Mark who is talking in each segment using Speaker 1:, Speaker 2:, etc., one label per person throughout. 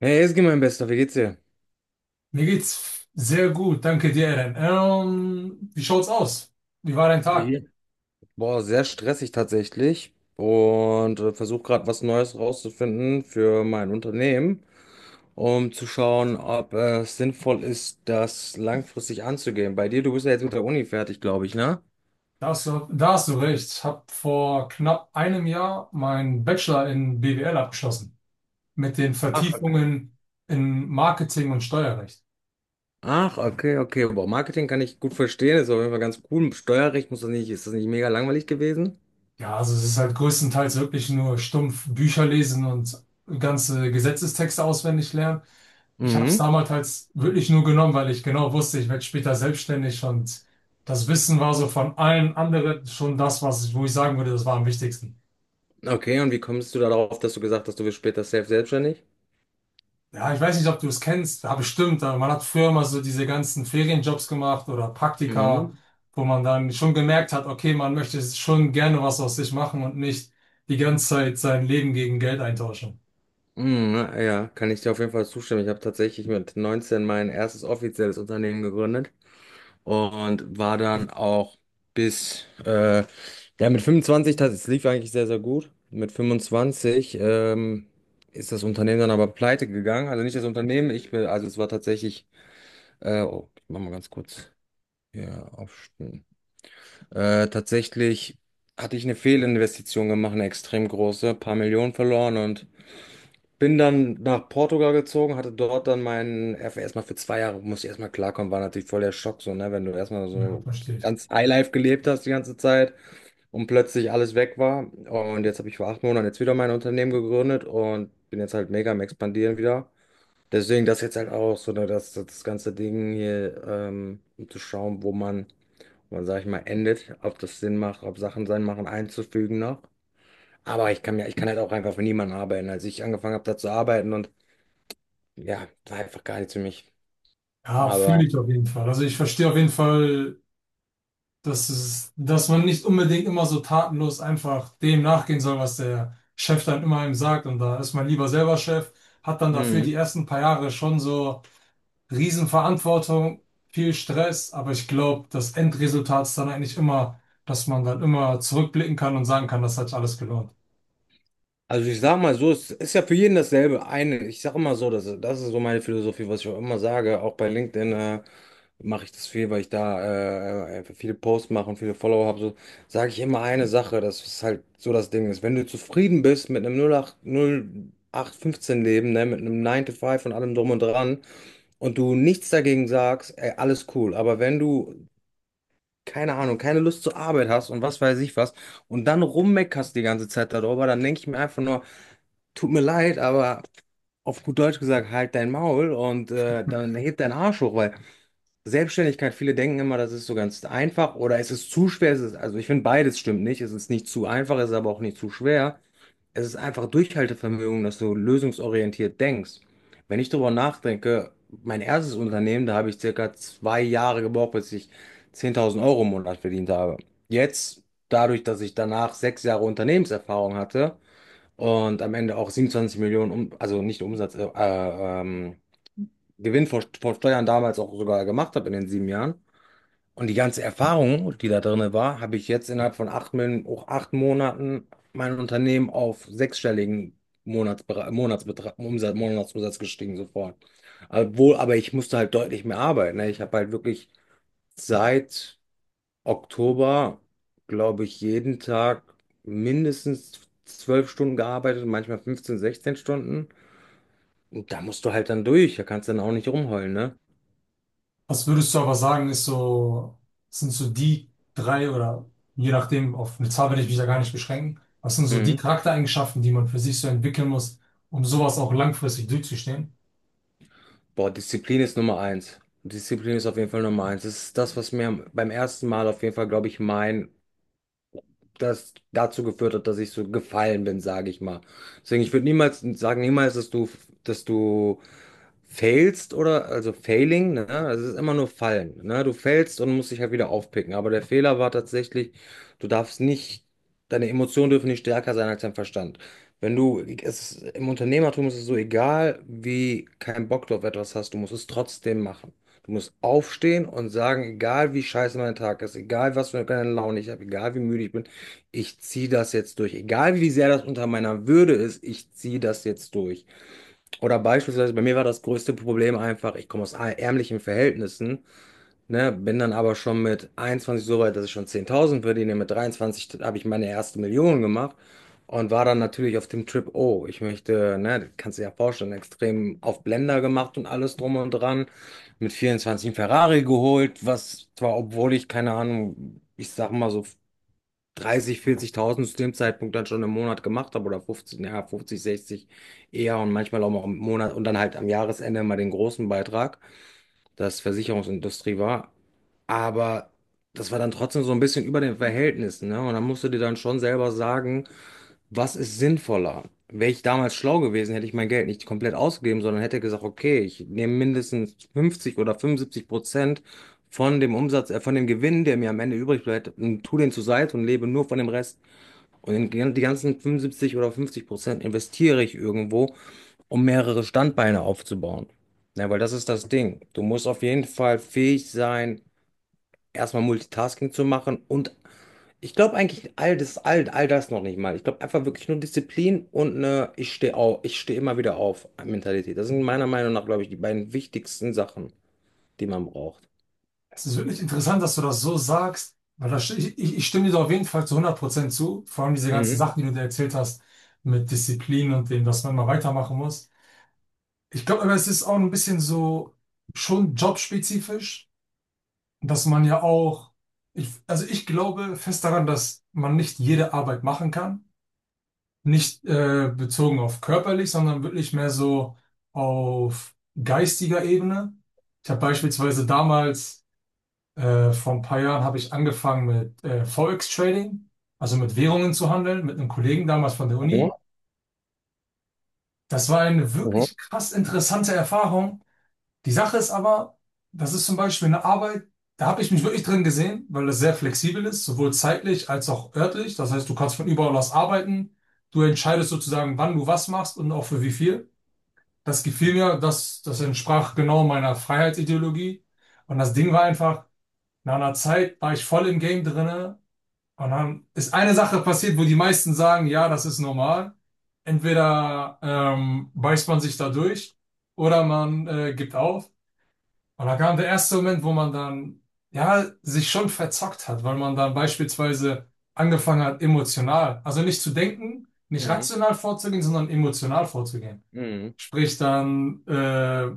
Speaker 1: Hey, Ezgi, mein Bester, wie geht's dir?
Speaker 2: Mir geht's sehr gut, danke dir, Eren. Wie schaut's aus? Wie war dein Tag?
Speaker 1: Ja. Boah, sehr stressig tatsächlich und versuche gerade was Neues rauszufinden für mein Unternehmen, um zu schauen, ob es sinnvoll ist, das langfristig anzugehen. Bei dir, du bist ja jetzt mit der Uni fertig, glaube ich, ne?
Speaker 2: Da hast du recht. Ich habe vor knapp einem Jahr meinen Bachelor in BWL abgeschlossen. Mit den
Speaker 1: Ach, okay.
Speaker 2: Vertiefungen in Marketing und Steuerrecht.
Speaker 1: Ach, okay, okay. Boah, Marketing kann ich gut verstehen, ist auf jeden Fall ganz cool. Steuerrecht muss das nicht, ist das nicht mega langweilig gewesen?
Speaker 2: Ja, also es ist halt größtenteils wirklich nur stumpf Bücher lesen und ganze Gesetzestexte auswendig lernen. Ich habe es
Speaker 1: Mhm.
Speaker 2: damals halt wirklich nur genommen, weil ich genau wusste, ich werde später selbstständig, und das Wissen war so von allen anderen schon das, was ich sagen würde, das war am wichtigsten.
Speaker 1: Okay, und wie kommst du darauf, dass du gesagt hast, du wirst später safe selbstständig?
Speaker 2: Ja, ich weiß nicht, ob du es kennst, ja, bestimmt, aber man hat früher immer so diese ganzen Ferienjobs gemacht oder Praktika,
Speaker 1: Mhm.
Speaker 2: wo man dann schon gemerkt hat, okay, man möchte schon gerne was aus sich machen und nicht die ganze Zeit sein Leben gegen Geld eintauschen.
Speaker 1: Mhm, ja, kann ich dir auf jeden Fall zustimmen. Ich habe tatsächlich mit 19 mein erstes offizielles Unternehmen gegründet und war dann auch bis, ja, mit 25, das es lief eigentlich sehr, sehr gut. Mit 25 ist das Unternehmen dann aber pleite gegangen. Also nicht das Unternehmen, ich bin, also es war tatsächlich, oh, ich mach mal ganz kurz hier aufstehen. Tatsächlich hatte ich eine Fehlinvestition gemacht, eine extrem große, paar Millionen verloren und bin dann nach Portugal gezogen, hatte dort dann meinen FA erstmal für 2 Jahre, musste ich erstmal klarkommen, war natürlich voll der Schock, so, ne, wenn du erstmal
Speaker 2: Ja,
Speaker 1: so
Speaker 2: verstehe ich.
Speaker 1: ganz Highlife gelebt hast die ganze Zeit und plötzlich alles weg war. Und jetzt habe ich vor 8 Monaten jetzt wieder mein Unternehmen gegründet und bin jetzt halt mega am Expandieren wieder. Deswegen das jetzt halt auch so, ne, das ganze Ding hier, um zu schauen, wo man, sag ich mal, endet, ob das Sinn macht, ob Sachen Sinn machen, einzufügen noch. Aber ich kann mir, ich kann halt auch einfach für niemanden arbeiten. Als ich angefangen habe, da zu arbeiten und ja, war einfach gar nichts für mich.
Speaker 2: Ja,
Speaker 1: Aber,
Speaker 2: fühle ich auf jeden Fall. Also ich verstehe auf jeden Fall, das ist, dass man nicht unbedingt immer so tatenlos einfach dem nachgehen soll, was der Chef dann immer ihm sagt. Und da ist man lieber selber Chef, hat dann dafür die
Speaker 1: mhm.
Speaker 2: ersten paar Jahre schon so Riesenverantwortung, viel Stress. Aber ich glaube, das Endresultat ist dann eigentlich immer, dass man dann immer zurückblicken kann und sagen kann, das hat sich alles gelohnt.
Speaker 1: Also ich sag mal so, es ist ja für jeden dasselbe. Eine, ich sag immer so, das ist so meine Philosophie, was ich auch immer sage. Auch bei LinkedIn mache ich das viel, weil ich da einfach viele Posts mache und viele Follower habe. So sage ich immer eine Sache, das ist halt so das Ding ist. Wenn du zufrieden bist mit einem 08, 0815 Leben, ne, mit einem 9 to 5 und allem drum und dran und du nichts dagegen sagst, ey, alles cool. Aber wenn du keine Ahnung, keine Lust zur Arbeit hast und was weiß ich was und dann rummeckerst die ganze Zeit darüber, dann denke ich mir einfach nur, tut mir leid, aber auf gut Deutsch gesagt, halt dein Maul und dann hebt dein Arsch hoch, weil Selbstständigkeit, viele denken immer, das ist so ganz einfach oder es ist zu schwer, es ist, also ich finde beides stimmt nicht, es ist nicht zu einfach, es ist aber auch nicht zu schwer, es ist einfach Durchhaltevermögen, dass du lösungsorientiert denkst. Wenn ich darüber nachdenke, mein erstes Unternehmen, da habe ich circa 2 Jahre gebraucht, bis ich 10.000 Euro im Monat verdient habe. Jetzt, dadurch, dass ich danach 6 Jahre Unternehmenserfahrung hatte und am Ende auch 27 Millionen, um, also nicht Umsatz, Gewinn vor Steuern damals auch sogar gemacht habe in den 7 Jahren, und die ganze Erfahrung, die da drin war, habe ich jetzt innerhalb von auch 8 Monaten mein Unternehmen auf sechsstelligen Monatsbetrag, Umsatz, Monatsumsatz gestiegen sofort. Obwohl, aber ich musste halt deutlich mehr arbeiten. Ne? Ich habe halt wirklich seit Oktober, glaube ich, jeden Tag mindestens 12 Stunden gearbeitet, manchmal 15, 16 Stunden. Und da musst du halt dann durch. Da kannst du dann auch nicht rumheulen, ne?
Speaker 2: Was würdest du aber sagen, ist so, sind so die drei oder je nachdem, auf eine Zahl werde ich mich ja gar nicht beschränken. Was sind so die
Speaker 1: Mhm.
Speaker 2: Charaktereigenschaften, die man für sich so entwickeln muss, um sowas auch langfristig durchzustehen?
Speaker 1: Boah, Disziplin ist Nummer eins. Disziplin ist auf jeden Fall Nummer eins. Das ist das, was mir beim ersten Mal auf jeden Fall, glaube ich, mein das dazu geführt hat, dass ich so gefallen bin, sage ich mal. Deswegen, ich würde niemals sagen, niemals, dass du failst oder, also failing, ne? Also es ist immer nur fallen, ne? Du fällst und musst dich halt wieder aufpicken. Aber der Fehler war tatsächlich, du darfst nicht, deine Emotionen dürfen nicht stärker sein als dein Verstand. Wenn du, es ist, im Unternehmertum ist es so egal, wie keinen Bock du auf etwas hast, du musst es trotzdem machen. Du musst aufstehen und sagen, egal wie scheiße mein Tag ist, egal was für eine Laune ich habe, egal wie müde ich bin, ich ziehe das jetzt durch. Egal wie sehr das unter meiner Würde ist, ich ziehe das jetzt durch. Oder beispielsweise, bei mir war das größte Problem einfach, ich komme aus ärmlichen Verhältnissen, ne, bin dann aber schon mit 21 so weit, dass ich schon 10.000 verdiene. Mit 23 habe ich meine erste Million gemacht und war dann natürlich auf dem Trip, oh, ich möchte, ne, kannst du dir ja vorstellen, extrem auf Blender gemacht und alles drum und dran. Mit 24 einen Ferrari geholt, was zwar, obwohl ich keine Ahnung, ich sag mal so 30, 40.000 zu dem Zeitpunkt dann schon im Monat gemacht habe oder 50, ja, 50, 60 eher und manchmal auch mal im Monat und dann halt am Jahresende mal den großen Beitrag, das Versicherungsindustrie war. Aber das war dann trotzdem so ein bisschen über den Verhältnissen, ne? Und dann musst du dir dann schon selber sagen, was ist sinnvoller? Wäre ich damals schlau gewesen, hätte ich mein Geld nicht komplett ausgegeben, sondern hätte gesagt, okay, ich nehme mindestens 50 oder 75% von dem Umsatz, von dem Gewinn, der mir am Ende übrig bleibt, und tu den zur Seite und lebe nur von dem Rest. Und die ganzen 75 oder 50% investiere ich irgendwo, um mehrere Standbeine aufzubauen. Ja, weil das ist das Ding. Du musst auf jeden Fall fähig sein, erstmal Multitasking zu machen und ich glaube eigentlich all das, all das noch nicht mal. Ich glaube einfach wirklich nur Disziplin und eine ich stehe auf, ich stehe immer wieder auf Mentalität. Das sind meiner Meinung nach, glaube ich, die beiden wichtigsten Sachen, die man braucht.
Speaker 2: Es ist wirklich interessant, dass du das so sagst, weil das, ich stimme dir da auf jeden Fall zu 100% zu, vor allem diese ganzen
Speaker 1: Mhm.
Speaker 2: Sachen, die du dir erzählt hast, mit Disziplin und dem, dass man immer weitermachen muss. Ich glaube aber, es ist auch ein bisschen so schon jobspezifisch. Dass man ja auch, ich, also ich glaube fest daran, dass man nicht jede Arbeit machen kann. Nicht bezogen auf körperlich, sondern wirklich mehr so auf geistiger Ebene. Ich habe beispielsweise damals, vor ein paar Jahren, habe ich angefangen mit Forex Trading, also mit Währungen zu handeln, mit einem Kollegen damals von der
Speaker 1: Mhm.
Speaker 2: Uni. Das war eine
Speaker 1: Mhm.
Speaker 2: wirklich krass interessante Erfahrung. Die Sache ist aber, das ist zum Beispiel eine Arbeit, da habe ich mich wirklich drin gesehen, weil das sehr flexibel ist, sowohl zeitlich als auch örtlich. Das heißt, du kannst von überall aus arbeiten. Du entscheidest sozusagen, wann du was machst und auch für wie viel. Das gefiel mir, das, das entsprach genau meiner Freiheitsideologie. Und das Ding war einfach, nach einer Zeit war ich voll im Game drinne. Und dann ist eine Sache passiert, wo die meisten sagen, ja, das ist normal. Entweder beißt man sich da durch oder man gibt auf. Und da kam der erste Moment, wo man dann, ja, sich schon verzockt hat, weil man dann beispielsweise angefangen hat, emotional, also nicht zu denken, nicht
Speaker 1: Mhm.
Speaker 2: rational vorzugehen, sondern emotional vorzugehen.
Speaker 1: Mhm.
Speaker 2: Sprich, dann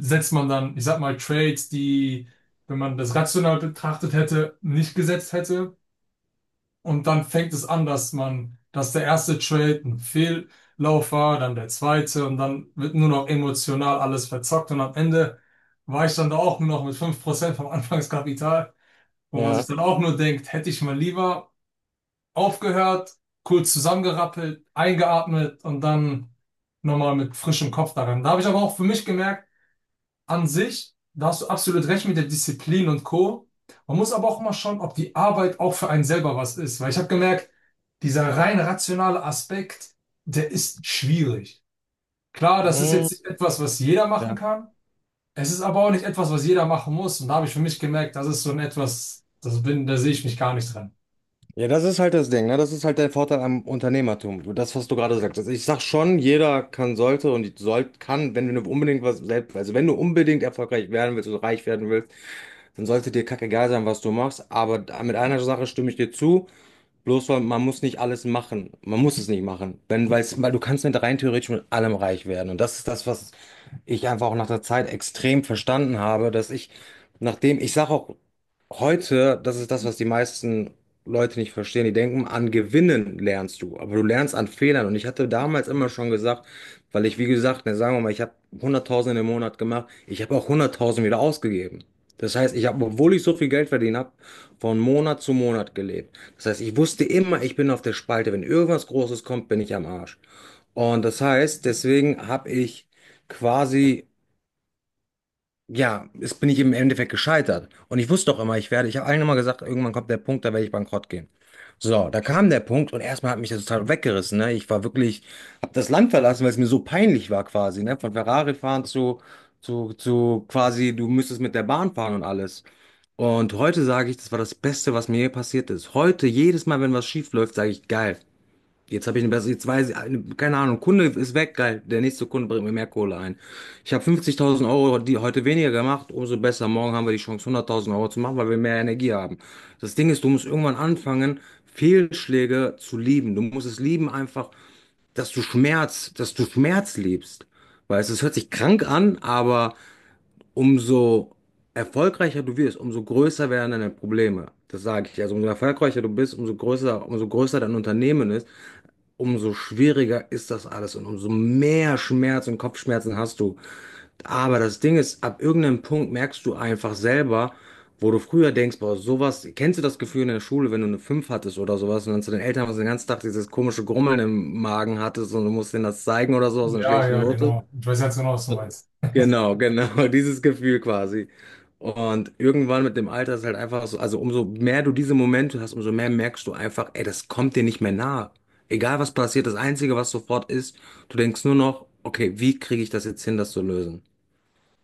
Speaker 2: setzt man dann, ich sag mal, Trades, die, wenn man das rational betrachtet hätte, nicht gesetzt hätte. Und dann fängt es an, dass man, dass der erste Trade ein Fehllauf war, dann der zweite und dann wird nur noch emotional alles verzockt und am Ende war ich dann da auch nur noch mit 5% vom Anfangskapital, wo man sich
Speaker 1: Ja.
Speaker 2: dann auch nur denkt, hätte ich mal lieber aufgehört, kurz zusammengerappelt, eingeatmet und dann nochmal mit frischem Kopf daran. Da habe ich aber auch für mich gemerkt, an sich, da hast du absolut recht mit der Disziplin und Co. Man muss aber auch mal schauen, ob die Arbeit auch für einen selber was ist. Weil ich habe gemerkt, dieser rein rationale Aspekt, der ist schwierig. Klar, das ist
Speaker 1: Mhm.
Speaker 2: jetzt nicht etwas, was jeder machen
Speaker 1: Ja.
Speaker 2: kann. Es ist aber auch nicht etwas, was jeder machen muss. Und da habe ich für mich gemerkt, das ist so ein etwas, das bin, da sehe ich mich gar nicht dran.
Speaker 1: Ja, das ist halt das Ding, ne? Das ist halt der Vorteil am Unternehmertum. Das, was du gerade sagst. Also ich sag schon, jeder kann, sollte und soll, kann, wenn du unbedingt was selbst, also wenn du unbedingt erfolgreich werden willst und reich werden willst, dann sollte dir kackegal sein, was du machst. Aber mit einer Sache stimme ich dir zu. Bloß weil man muss nicht alles machen. Man muss es nicht machen. Wenn, weil's, weil du kannst mit rein theoretisch mit allem reich werden. Und das ist das, was ich einfach auch nach der Zeit extrem verstanden habe, dass ich, nachdem, ich sage auch heute, das ist das, was die meisten Leute nicht verstehen. Die denken, an Gewinnen lernst du, aber du lernst an Fehlern. Und ich hatte damals immer schon gesagt, weil ich, wie gesagt, ne, sagen wir mal, ich habe 100.000 im Monat gemacht, ich habe auch 100.000 wieder ausgegeben. Das heißt, ich habe, obwohl ich so viel Geld verdient habe, von Monat zu Monat gelebt. Das heißt, ich wusste immer, ich bin auf der Spalte. Wenn irgendwas Großes kommt, bin ich am Arsch. Und das heißt, deswegen habe ich quasi ja, es bin ich im Endeffekt gescheitert. Und ich wusste doch immer, ich werde, ich habe allen immer gesagt, irgendwann kommt der Punkt, da werde ich bankrott gehen. So, da kam der Punkt und erstmal hat mich das total weggerissen. Ne? Ich war wirklich, habe das Land verlassen, weil es mir so peinlich war quasi. Ne? Von Ferrari fahren zu, zu quasi, du müsstest mit der Bahn fahren und alles. Und heute sage ich, das war das Beste, was mir je passiert ist. Heute, jedes Mal, wenn was schief läuft, sage ich, geil. Jetzt habe ich eine bessere, jetzt weiß ich, keine Ahnung, Kunde ist weg, geil. Der nächste Kunde bringt mir mehr Kohle ein. Ich habe 50.000 Euro die heute weniger gemacht, umso besser. Morgen haben wir die Chance, 100.000 Euro zu machen, weil wir mehr Energie haben. Das Ding ist, du musst irgendwann anfangen, Fehlschläge zu lieben. Du musst es lieben, einfach, dass du Schmerz lebst. Weißt du, es hört sich krank an, aber umso erfolgreicher du wirst, umso größer werden deine Probleme. Das sage ich. Also umso erfolgreicher du bist, umso größer dein Unternehmen ist, umso schwieriger ist das alles und umso mehr Schmerz und Kopfschmerzen hast du. Aber das Ding ist, ab irgendeinem Punkt merkst du einfach selber, wo du früher denkst, boah, sowas, kennst du das Gefühl in der Schule, wenn du eine 5 hattest oder sowas und dann zu den Eltern warst und den ganzen Tag dieses komische Grummeln im Magen hattest und du musst denen das zeigen oder so aus einer
Speaker 2: Ja,
Speaker 1: schlechten
Speaker 2: ja,
Speaker 1: Note?
Speaker 2: genau. Ich weiß ganz genau, was du meinst.
Speaker 1: Genau, genau, dieses Gefühl quasi. Und irgendwann mit dem Alter ist halt einfach so, also umso mehr du diese Momente hast, umso mehr merkst du einfach, ey, das kommt dir nicht mehr nahe. Egal was passiert, das Einzige, was sofort ist, du denkst nur noch, okay, wie kriege ich das jetzt hin, das zu lösen?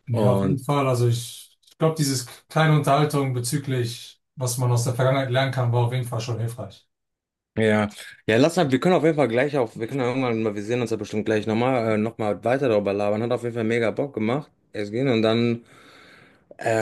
Speaker 2: Ja, auf jeden
Speaker 1: Und
Speaker 2: Fall. Also ich glaube, dieses kleine Unterhaltung bezüglich, was man aus der Vergangenheit lernen kann, war auf jeden Fall schon hilfreich.
Speaker 1: ja, ja, lass mal, wir können auf jeden Fall gleich auf, wir können ja irgendwann mal, wir sehen uns ja bestimmt gleich nochmal, nochmal weiter darüber labern. Hat auf jeden Fall mega Bock gemacht. Es gehen und dann äh,